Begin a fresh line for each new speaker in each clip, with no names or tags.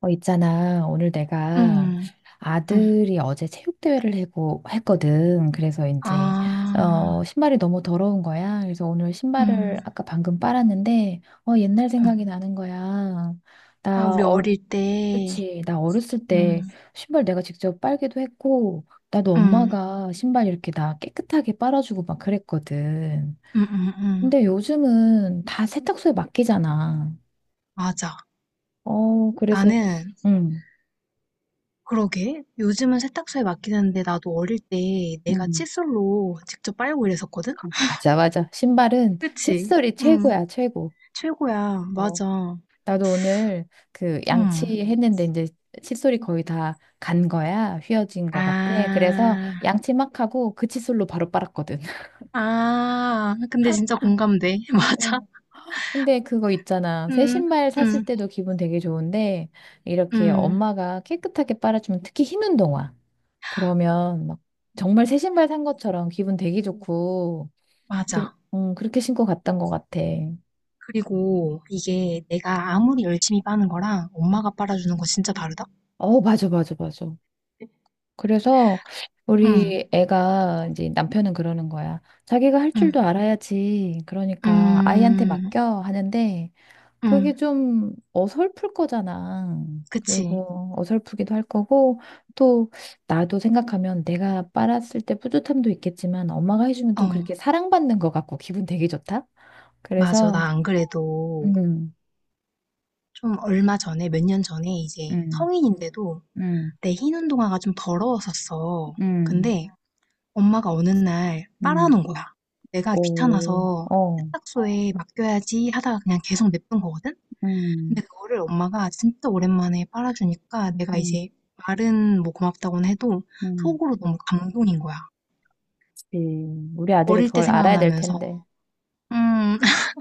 있잖아. 오늘 내가
음. 음.
아들이 어제 체육대회를 하고 했거든. 그래서 이제,
아.
신발이 너무 더러운 거야. 그래서 오늘 신발을
음.
아까 방금 빨았는데, 옛날
음.
생각이 나는 거야.
아
나,
우리 어릴 때.
그치. 나 어렸을 때
음.
신발 내가 직접 빨기도 했고, 나도
음.
엄마가 신발 이렇게 나 깨끗하게 빨아주고 막 그랬거든.
음음음.
근데 요즘은 다 세탁소에 맡기잖아.
맞아.
그래서,
나는...
응.
그러게. 요즘은 세탁소에 맡기는데 나도 어릴 때 내가
응.
칫솔로 직접 빨고 이랬었거든?
맞아, 맞아. 신발은
그치?
칫솔이
응.
최고야, 최고.
최고야.
어,
맞아.
나도 오늘 그
응.
양치했는데 이제 칫솔이 거의 다 간 거야. 휘어진 거 같아. 그래서
아.
양치 막 하고 그 칫솔로 바로 빨았거든.
아. 근데 진짜 공감돼.
어,
맞아.
근데 그거 있잖아. 새
응.
신발 샀을
응.
때도 기분 되게 좋은데 이렇게
응.
엄마가 깨끗하게 빨아주면 특히 흰 운동화. 그러면 막 정말 새 신발 산 것처럼 기분 되게 좋고
맞아.
그렇게 신고 갔던 것 같아.
그리고 이게 내가 아무리 열심히 빠는 거랑 엄마가 빨아주는 거 진짜 다르다?
맞아, 맞아, 맞아. 그래서
응,
우리 애가 이제 남편은 그러는 거야. 자기가 할
응,
줄도 알아야지. 그러니까 아이한테
음,
맡겨 하는데
응,
그게 좀 어설플 거잖아.
그치.
그리고 어설프기도 할 거고 또 나도 생각하면 내가 빨았을 때 뿌듯함도 있겠지만 엄마가 해주면
어,
또 그렇게 사랑받는 것 같고 기분 되게 좋다.
맞아.
그래서
나 안 그래도
음,
좀 얼마 전에, 몇 년 전에 이제
음,
성인인데도
음,
내 흰 운동화가 좀 더러웠었어.
음,
근데 엄마가 어느 날
음,
빨아놓은 거야. 내가
오,
귀찮아서
어.
세탁소에 맡겨야지 하다가 그냥 계속 냅둔 거거든? 근데
음,
그거를 엄마가 진짜 오랜만에 빨아주니까 내가
음,
이제 말은 뭐 고맙다고는 해도
음.
속으로 너무 감동인 거야.
우리 아들이
어릴 때
그걸 알아야 될
생각나면서,
텐데.
음.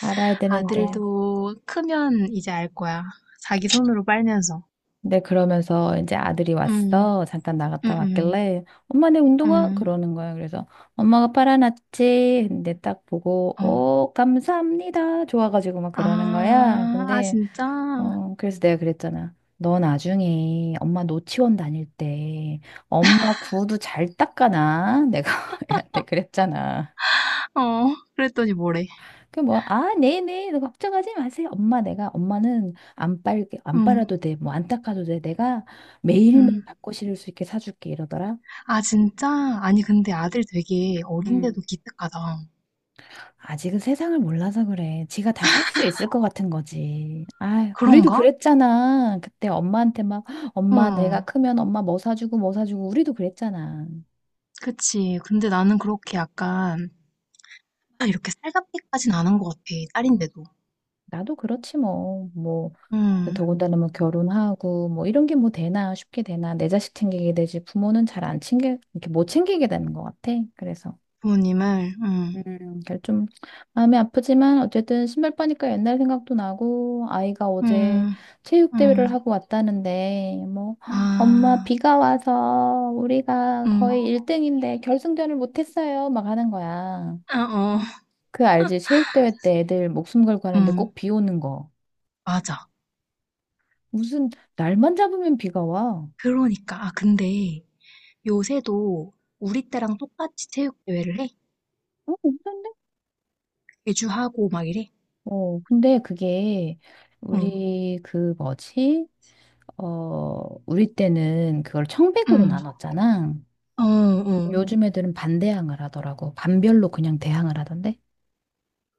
알아야 되는데.
아들도 크면 이제 알 거야. 자기 손으로 빨면서.
근데 그러면서 이제 아들이
음,
왔어. 잠깐
음,
나갔다
음,
왔길래, 엄마 내 운동화?
음,
그러는 거야. 그래서 엄마가 빨아놨지. 근데 딱 보고,
어.
오, 감사합니다. 좋아가지고 막
아,
그러는 거야.
아,
근데,
진짜?
그래서 내가 그랬잖아. 너 나중에 엄마 노치원 다닐 때 엄마 구두 잘 닦아놔. 내가 얘한테 그랬잖아.
어, 그랬더니 뭐래.
그 뭐, 아, 네네, 너 걱정하지 마세요. 엄마, 내가, 엄마는 안 빨, 안
음,
빨아도 돼. 뭐, 안 닦아도 돼. 내가 매일매일
음.
닦고 실을 수 있게 사줄게. 이러더라.
아, 진짜? 아니, 근데 아들 되게
음.
어린데도 기특하다.
아직은 세상을 몰라서 그래. 지가 다 살 수 있을 것 같은 거지. 아, 우리도
그런가?
그랬잖아. 그때 엄마한테 막, 엄마, 내가
응.
크면 엄마 뭐 사주고 뭐 사주고, 우리도 그랬잖아.
그치. 근데 나는 그렇게 약간 아, 이렇게 살갑게까지는 안 한 것 같아. 딸인데도.
나도 그렇지 뭐. 뭐. 그
음,
더군다나 뭐 결혼하고 뭐 이런 게 뭐 되나 쉽게 되나 내 자식 챙기게 되지 부모는 잘 안 챙겨 이렇게 못 챙기게 되는 것 같아. 그래서
부모님을,
그좀 마음이 아프지만 어쨌든 신발 빠니까 옛날 생각도 나고 아이가 어제
음,
체육
음,
대회를 하고 왔다는데 뭐 "헉, 엄마
아,
비가 와서 우리가
음,
거의 1등인데 결승전을 못 했어요. 막 하는 거야.
아, 어,
그 알지? 체육 대회 때 애들 목숨 걸고 하는데
음,
꼭 비 오는 거.
맞아.
무슨 날만 잡으면 비가 와.
그러니까. 아, 근데 요새도 우리 때랑 똑같이 체육대회를 해? 개주하고 막 이래?
근데 그게
응,
우리 그 뭐지? 어, 우리 때는 그걸 청백으로
응,
나눴잖아. 음.
어, 어.
요즘 애들은 반대항을 하더라고. 반별로 그냥 대항을 하던데.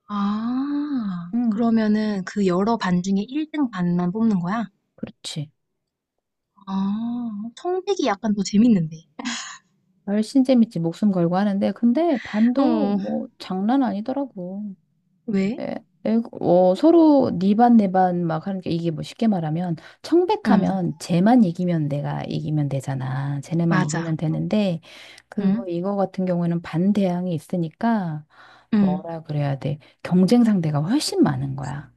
아,
응,
그러면은 그 여러 반 중에 1등 반만 뽑는 거야?
그렇지.
아, 성백이 약간 더 재밌는데.
훨씬 재밌지. 목숨 걸고 하는데. 근데 반도
어,
뭐 장난 아니더라고.
왜?
에, 서로 네 반 내 반 막 하는 게 이게 뭐 쉽게 말하면
응.
청백하면 쟤만 이기면 내가 이기면 되잖아. 쟤네만
맞아.
이기면 되는데 그거
응?
이거 같은 경우에는 반대항이 있으니까
응.
뭐라 그래야 돼. 경쟁 상대가 훨씬 많은 거야.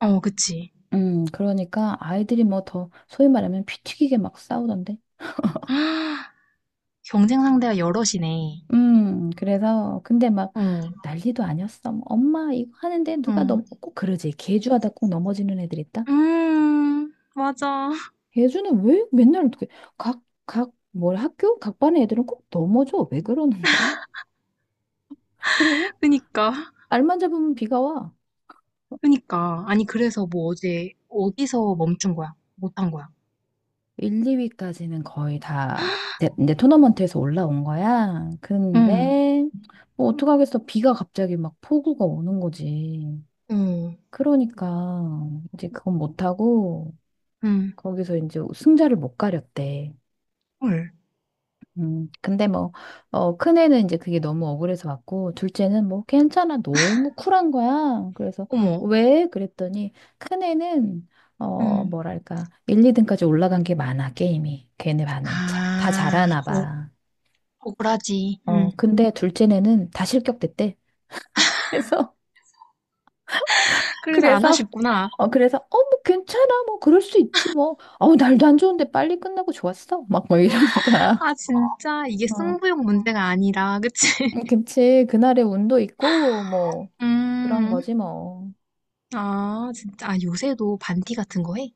어, 그치.
그러니까 아이들이 뭐 더 소위 말하면 피 튀기게 막 싸우던데.
아, 경쟁 상대가 여럿이네.
그래서 근데 막
응.
난리도 아니었어. 뭐 엄마 이거 하는데 누가
응.
넘, 꼭 그러지. 개주하다 꼭 넘어지는 애들 있다.
음. 맞아.
예주는 왜 맨날 어떻게 각, 각, 뭘 학교? 각 반의 애들은 꼭 넘어져. 왜 그러는 거야? 그리고
그니까.
알만 잡으면 비가 와.
그니까. 아니, 그래서 뭐 어제 어디서 멈춘 거야? 못한 거야?
1, 2위까지는 거의 다 내 토너먼트에서 올라온 거야.
응.
근데 뭐 어떡하겠어. 비가 갑자기 막 폭우가 오는 거지.
응.
그러니까 이제 그건 못하고
응.
거기서 이제 승자를 못 가렸대.
헐.
근데 뭐, 큰애는 이제 그게 너무 억울해서 왔고, 둘째는 뭐, 괜찮아. 너무 쿨한 거야. 그래서,
어머.
왜? 그랬더니, 큰애는,
응.
뭐랄까, 1, 2등까지 올라간 게 많아, 게임이. 걔네 반은. 자, 다
아.
잘하나
어,
봐.
억울하지. 응.
근데 둘째네는 다 실격됐대. 그래서,
그래서 안 하셨
그래서,
구나
그래서, 뭐, 괜찮아. 뭐, 그럴 수 있지, 뭐. 어우, 날도 안 좋은데 빨리 끝나고 좋았어. 막, 뭐 이러는 거야.
아, 진짜. 이게
어.
승부욕 문제가 아니라, 그치?
그 김치 그날의 운도 있고 뭐 그런
음,
거지 뭐.
아, 진짜. 아, 요새도 반티 같은 거 해?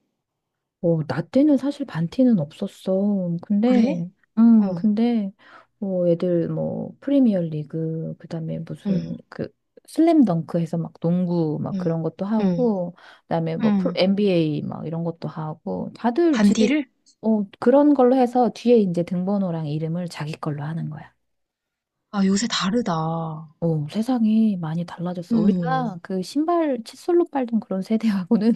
나 때는 사실 반티는 없었어.
그래?
근데
어,
근데 뭐 애들 뭐 프리미어 리그 그다음에
응,
무슨 그 슬램덩크 해서 막 농구 막
응,
그런 것도
응,
하고 그다음에 뭐 프로,
응.
NBA 막 이런 것도 하고 다들 지들
반디를?
그런 걸로 해서 뒤에 이제 등번호랑 이름을 자기 걸로 하는 거야.
아, 요새 다르다.
세상이 많이 달라졌어.
음.
우리가 그 신발 칫솔로 빨던 그런 세대하고는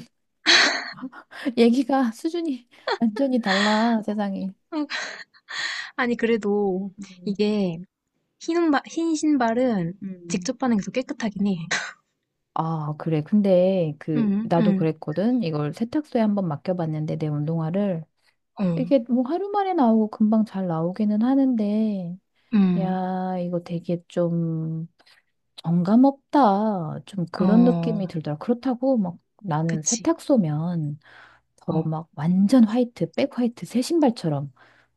얘기가 수준이 완전히 달라, 세상이.
음, 아니, 그래도
음,
이게 흰, 운바, 흰 신발은
음,
직접 바는 게 더 깨끗하긴 해.
아, 그래. 근데 그
응,
나도
응,
그랬거든. 이걸 세탁소에 한번 맡겨봤는데 내 운동화를
어,
이게 뭐 하루 만에 나오고 금방 잘 나오기는 하는데
응,
야, 이거 되게 좀 정감 없다. 좀 그런
어,
느낌이 들더라. 그렇다고 막 나는
그치.
세탁소면 더
어,
막 완전 화이트, 백 화이트, 새 신발처럼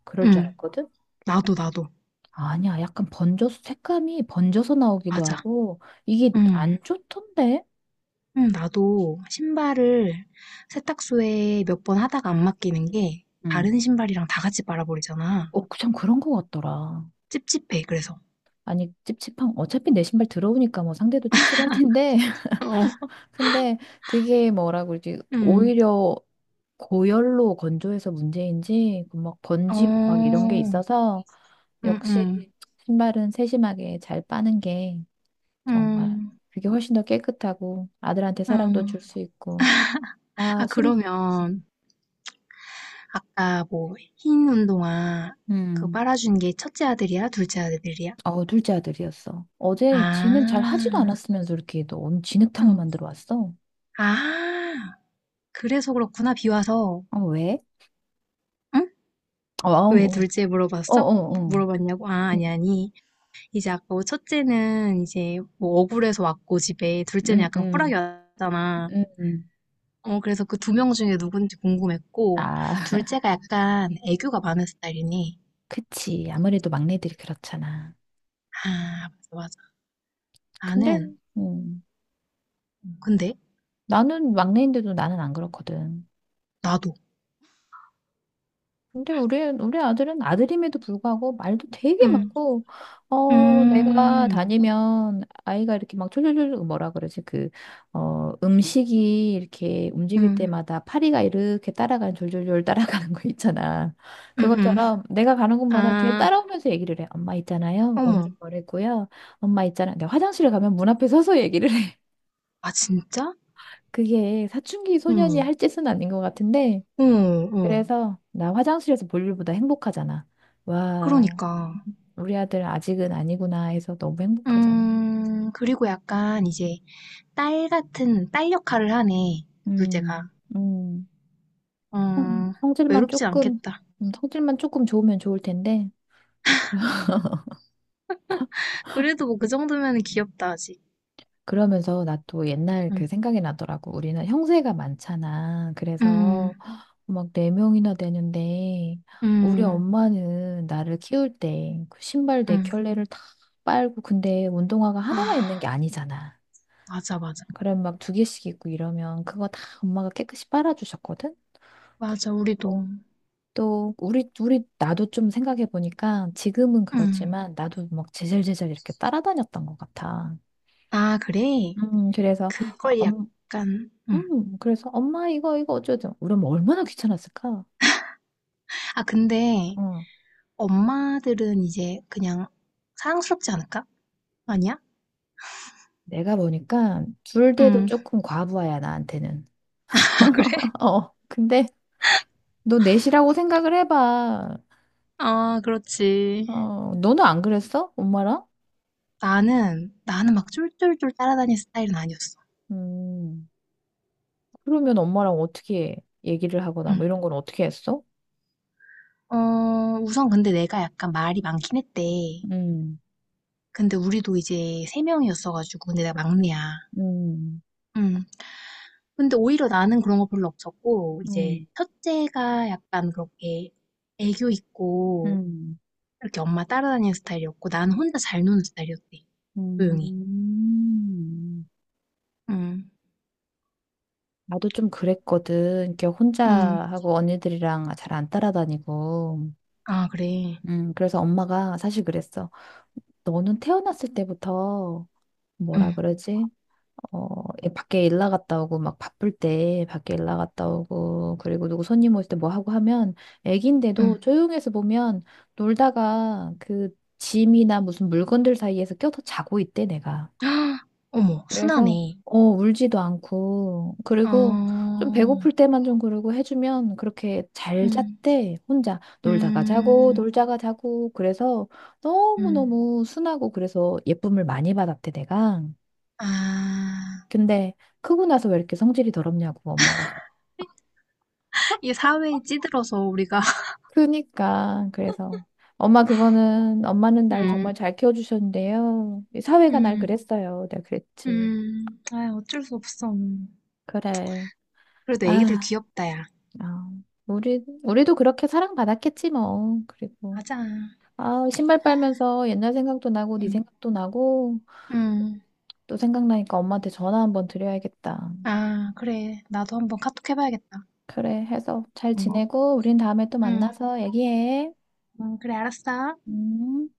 그럴 줄
응.
알았거든?
나도.
아니야. 약간 번져서, 색감이 번져서 나오기도
맞아.
하고, 이게
응,
안 좋던데?
응, 나도 신발을 세탁소에 몇 번 하다가 안 맡기는 게
응.
다른 신발이랑 다 같이 빨아버리잖아.
참 그런 거 같더라.
찝찝해, 그래서.
아니, 찝찝한, 어차피 내 신발 들어오니까 뭐 상대도 찝찝할 텐데,
어,
근데 그게 뭐라 그러지?
응.
오히려 고열로 건조해서 문제인지 그막
어.
번지고 막 이런 게
음음.
있어서
음.
역시 신발은 세심하게 잘 빠는 게 정말
음.
그게 훨씬 더 깨끗하고 아들한테 사랑도
음.
줄 수 있고 아,
아
심,
그러면 아까 뭐 흰 운동화 그거
음,
빨아준 게 첫째 아들이야? 둘째 아들이야?
둘째 아들이었어. 어제 지는 잘 하지도
아.
않았으면서 이렇게 너 오늘
어.
진흙탕을 만들어 왔어.
아. 그래서 그렇구나. 비 와서.
어, 왜?
응?
어,
왜
어,
둘째
어, 어,
물어봤어?
어.
물어봤냐고? 아, 아니,
음,
아니. 이제 아까 뭐 첫째는 이제 뭐 억울해서 왔고 집에 둘째는
음,
약간 쿨하게
음,
왔잖아.
음.
어, 그래서 그 두 명 중에 누군지 궁금했고,
아,
둘째가 약간 애교가 많은 스타일이니.
그치. 아무래도 막내들이 그렇잖아.
아, 맞아, 맞아.
근데,
나는,
음.
근데,
나는 막내인데도 나는 안 그렇거든.
나도.
근데 우리 아들은 아들임에도 불구하고 말도 되게
음,
많고, 내가
음,
다니면 아이가 이렇게 막 졸졸졸 뭐라 그러지? 음식이 이렇게 움직일
음,
때마다 파리가 이렇게 따라가는 졸졸졸 따라가는 거 있잖아.
음, 음.
그것처럼 내가 가는 곳마다 뒤에
아,
따라오면서 얘기를 해. 엄마 있잖아요. 오늘은
어머.
뭘 했고요. 엄마 있잖아. 내가 화장실에 가면 문 앞에 서서 얘기를 해.
아, 진짜?
그게 사춘기 소년이
응,
할 짓은 아닌 것 같은데,
어, 어.
그래서 나 화장실에서 볼 일보다 행복하잖아. 와,
그러니까.
우리 아들 아직은 아니구나 해서 너무 행복하잖아.
그리고 약간 이제 딸 같은, 딸 역할을 하네, 둘째가.
음, 음, 성-
음,
성질만
외롭지
조금,
않겠다.
성질만 조금 좋으면 좋을 텐데. 그러-
그래도 뭐 그 정도면 귀엽다, 아직.
그러면서 나 또 옛날 그
음,
생각이 나더라고. 우리는 형제가 많잖아.
음,
그래서 막 네 명이나 되는데 우리
음.
엄마는 나를 키울 때 그 신발 네
응.
켤레를 다 빨고 근데 운동화가 하나만 있는
아,
게 아니잖아.
맞아, 맞아.
그럼 막 두 개씩 있고 이러면 그거 다 엄마가 깨끗이 빨아주셨거든?
맞아, 우리도.
그리고 또 우리 나도 좀 생각해 보니까 지금은
응.
그렇지만 나도 막 제잘제잘 이렇게 따라다녔던 것 같아.
아, 그래?
그래서 어,
그걸
엄,
약간, 응.
그래서 엄마 이거 이거 어쩌죠? 우리 엄마 얼마나 귀찮았을까?
아, 근데
어
엄마들은 이제 그냥 사랑스럽지 않을까? 아니야?
내가 보니까 둘 돼도
응.
조금 과부하야 나한테는.
아, 그래?
근데 너 넷이라고 생각을 해봐.
아, 그렇지.
너는 안 그랬어? 엄마랑?
나는 막 쫄쫄쫄 따라다니는 스타일은 아니었어.
음. 그러면 엄마랑 어떻게 얘기를 하거나
응.
뭐 이런 건 어떻게 했어?
어, 우선 근데 내가 약간 말이 많긴 했대.
음,
근데 우리도 이제 세 명이었어가지고, 근데 내가 막내야.
음,
응. 근데 오히려 나는 그런 거 별로 없었고, 이제
음,
첫째가 약간 그렇게 애교 있고,
음,
이렇게 엄마 따라다니는 스타일이었고, 나는 혼자 잘 노는 스타일이었대. 조용히.
음.
응,
나도 좀 그랬거든. 이렇게 혼자
응.
하고 언니들이랑 잘 안 따라다니고.
아, 그래.
그래서 엄마가 사실 그랬어. 너는 태어났을 때부터 뭐라
응,
그러지? 애 밖에 일 나갔다 오고 막 바쁠 때 밖에 일 나갔다 오고 그리고 누구 손님 올 때 뭐 하고 하면
응.
애기인데도 조용해서 보면 놀다가 그 짐이나 무슨 물건들 사이에서 껴서 자고 있대 내가.
헉, 어머,
그래서
순하네.
울지도 않고
어,
그리고 좀 배고플 때만 좀 그러고 해주면 그렇게 잘
응,
잤대 혼자 놀다가 자고
음,
놀다가 자고 그래서
음.
너무너무 순하고 그래서 예쁨을 많이 받았대 내가.
아,
근데 크고 나서 왜 이렇게 성질이 더럽냐고 엄마가.
이게 사회에 찌들어서 우리가,
그니까 그래서 엄마 그거는 엄마는 날
음,
정말 잘 키워주셨는데요. 이 사회가 날
음,
그랬어요. 내가 그랬지.
아, 어쩔 수 없어.
그래.
그래도 애기들
아,
귀엽다, 야.
아, 우리도 그렇게 사랑받았겠지 뭐. 그리고
맞아.
아 신발 빨면서 옛날 생각도 나고 네
음,
생각도 나고
음.
또 생각나니까 엄마한테 전화 한번 드려야겠다.
아, 그래. 나도 한번 카톡 해봐야겠다.
그래 해서 잘
음.
지내고 우린 다음에 또
응,
만나서 얘기해.
응, 그래, 알았어.
음.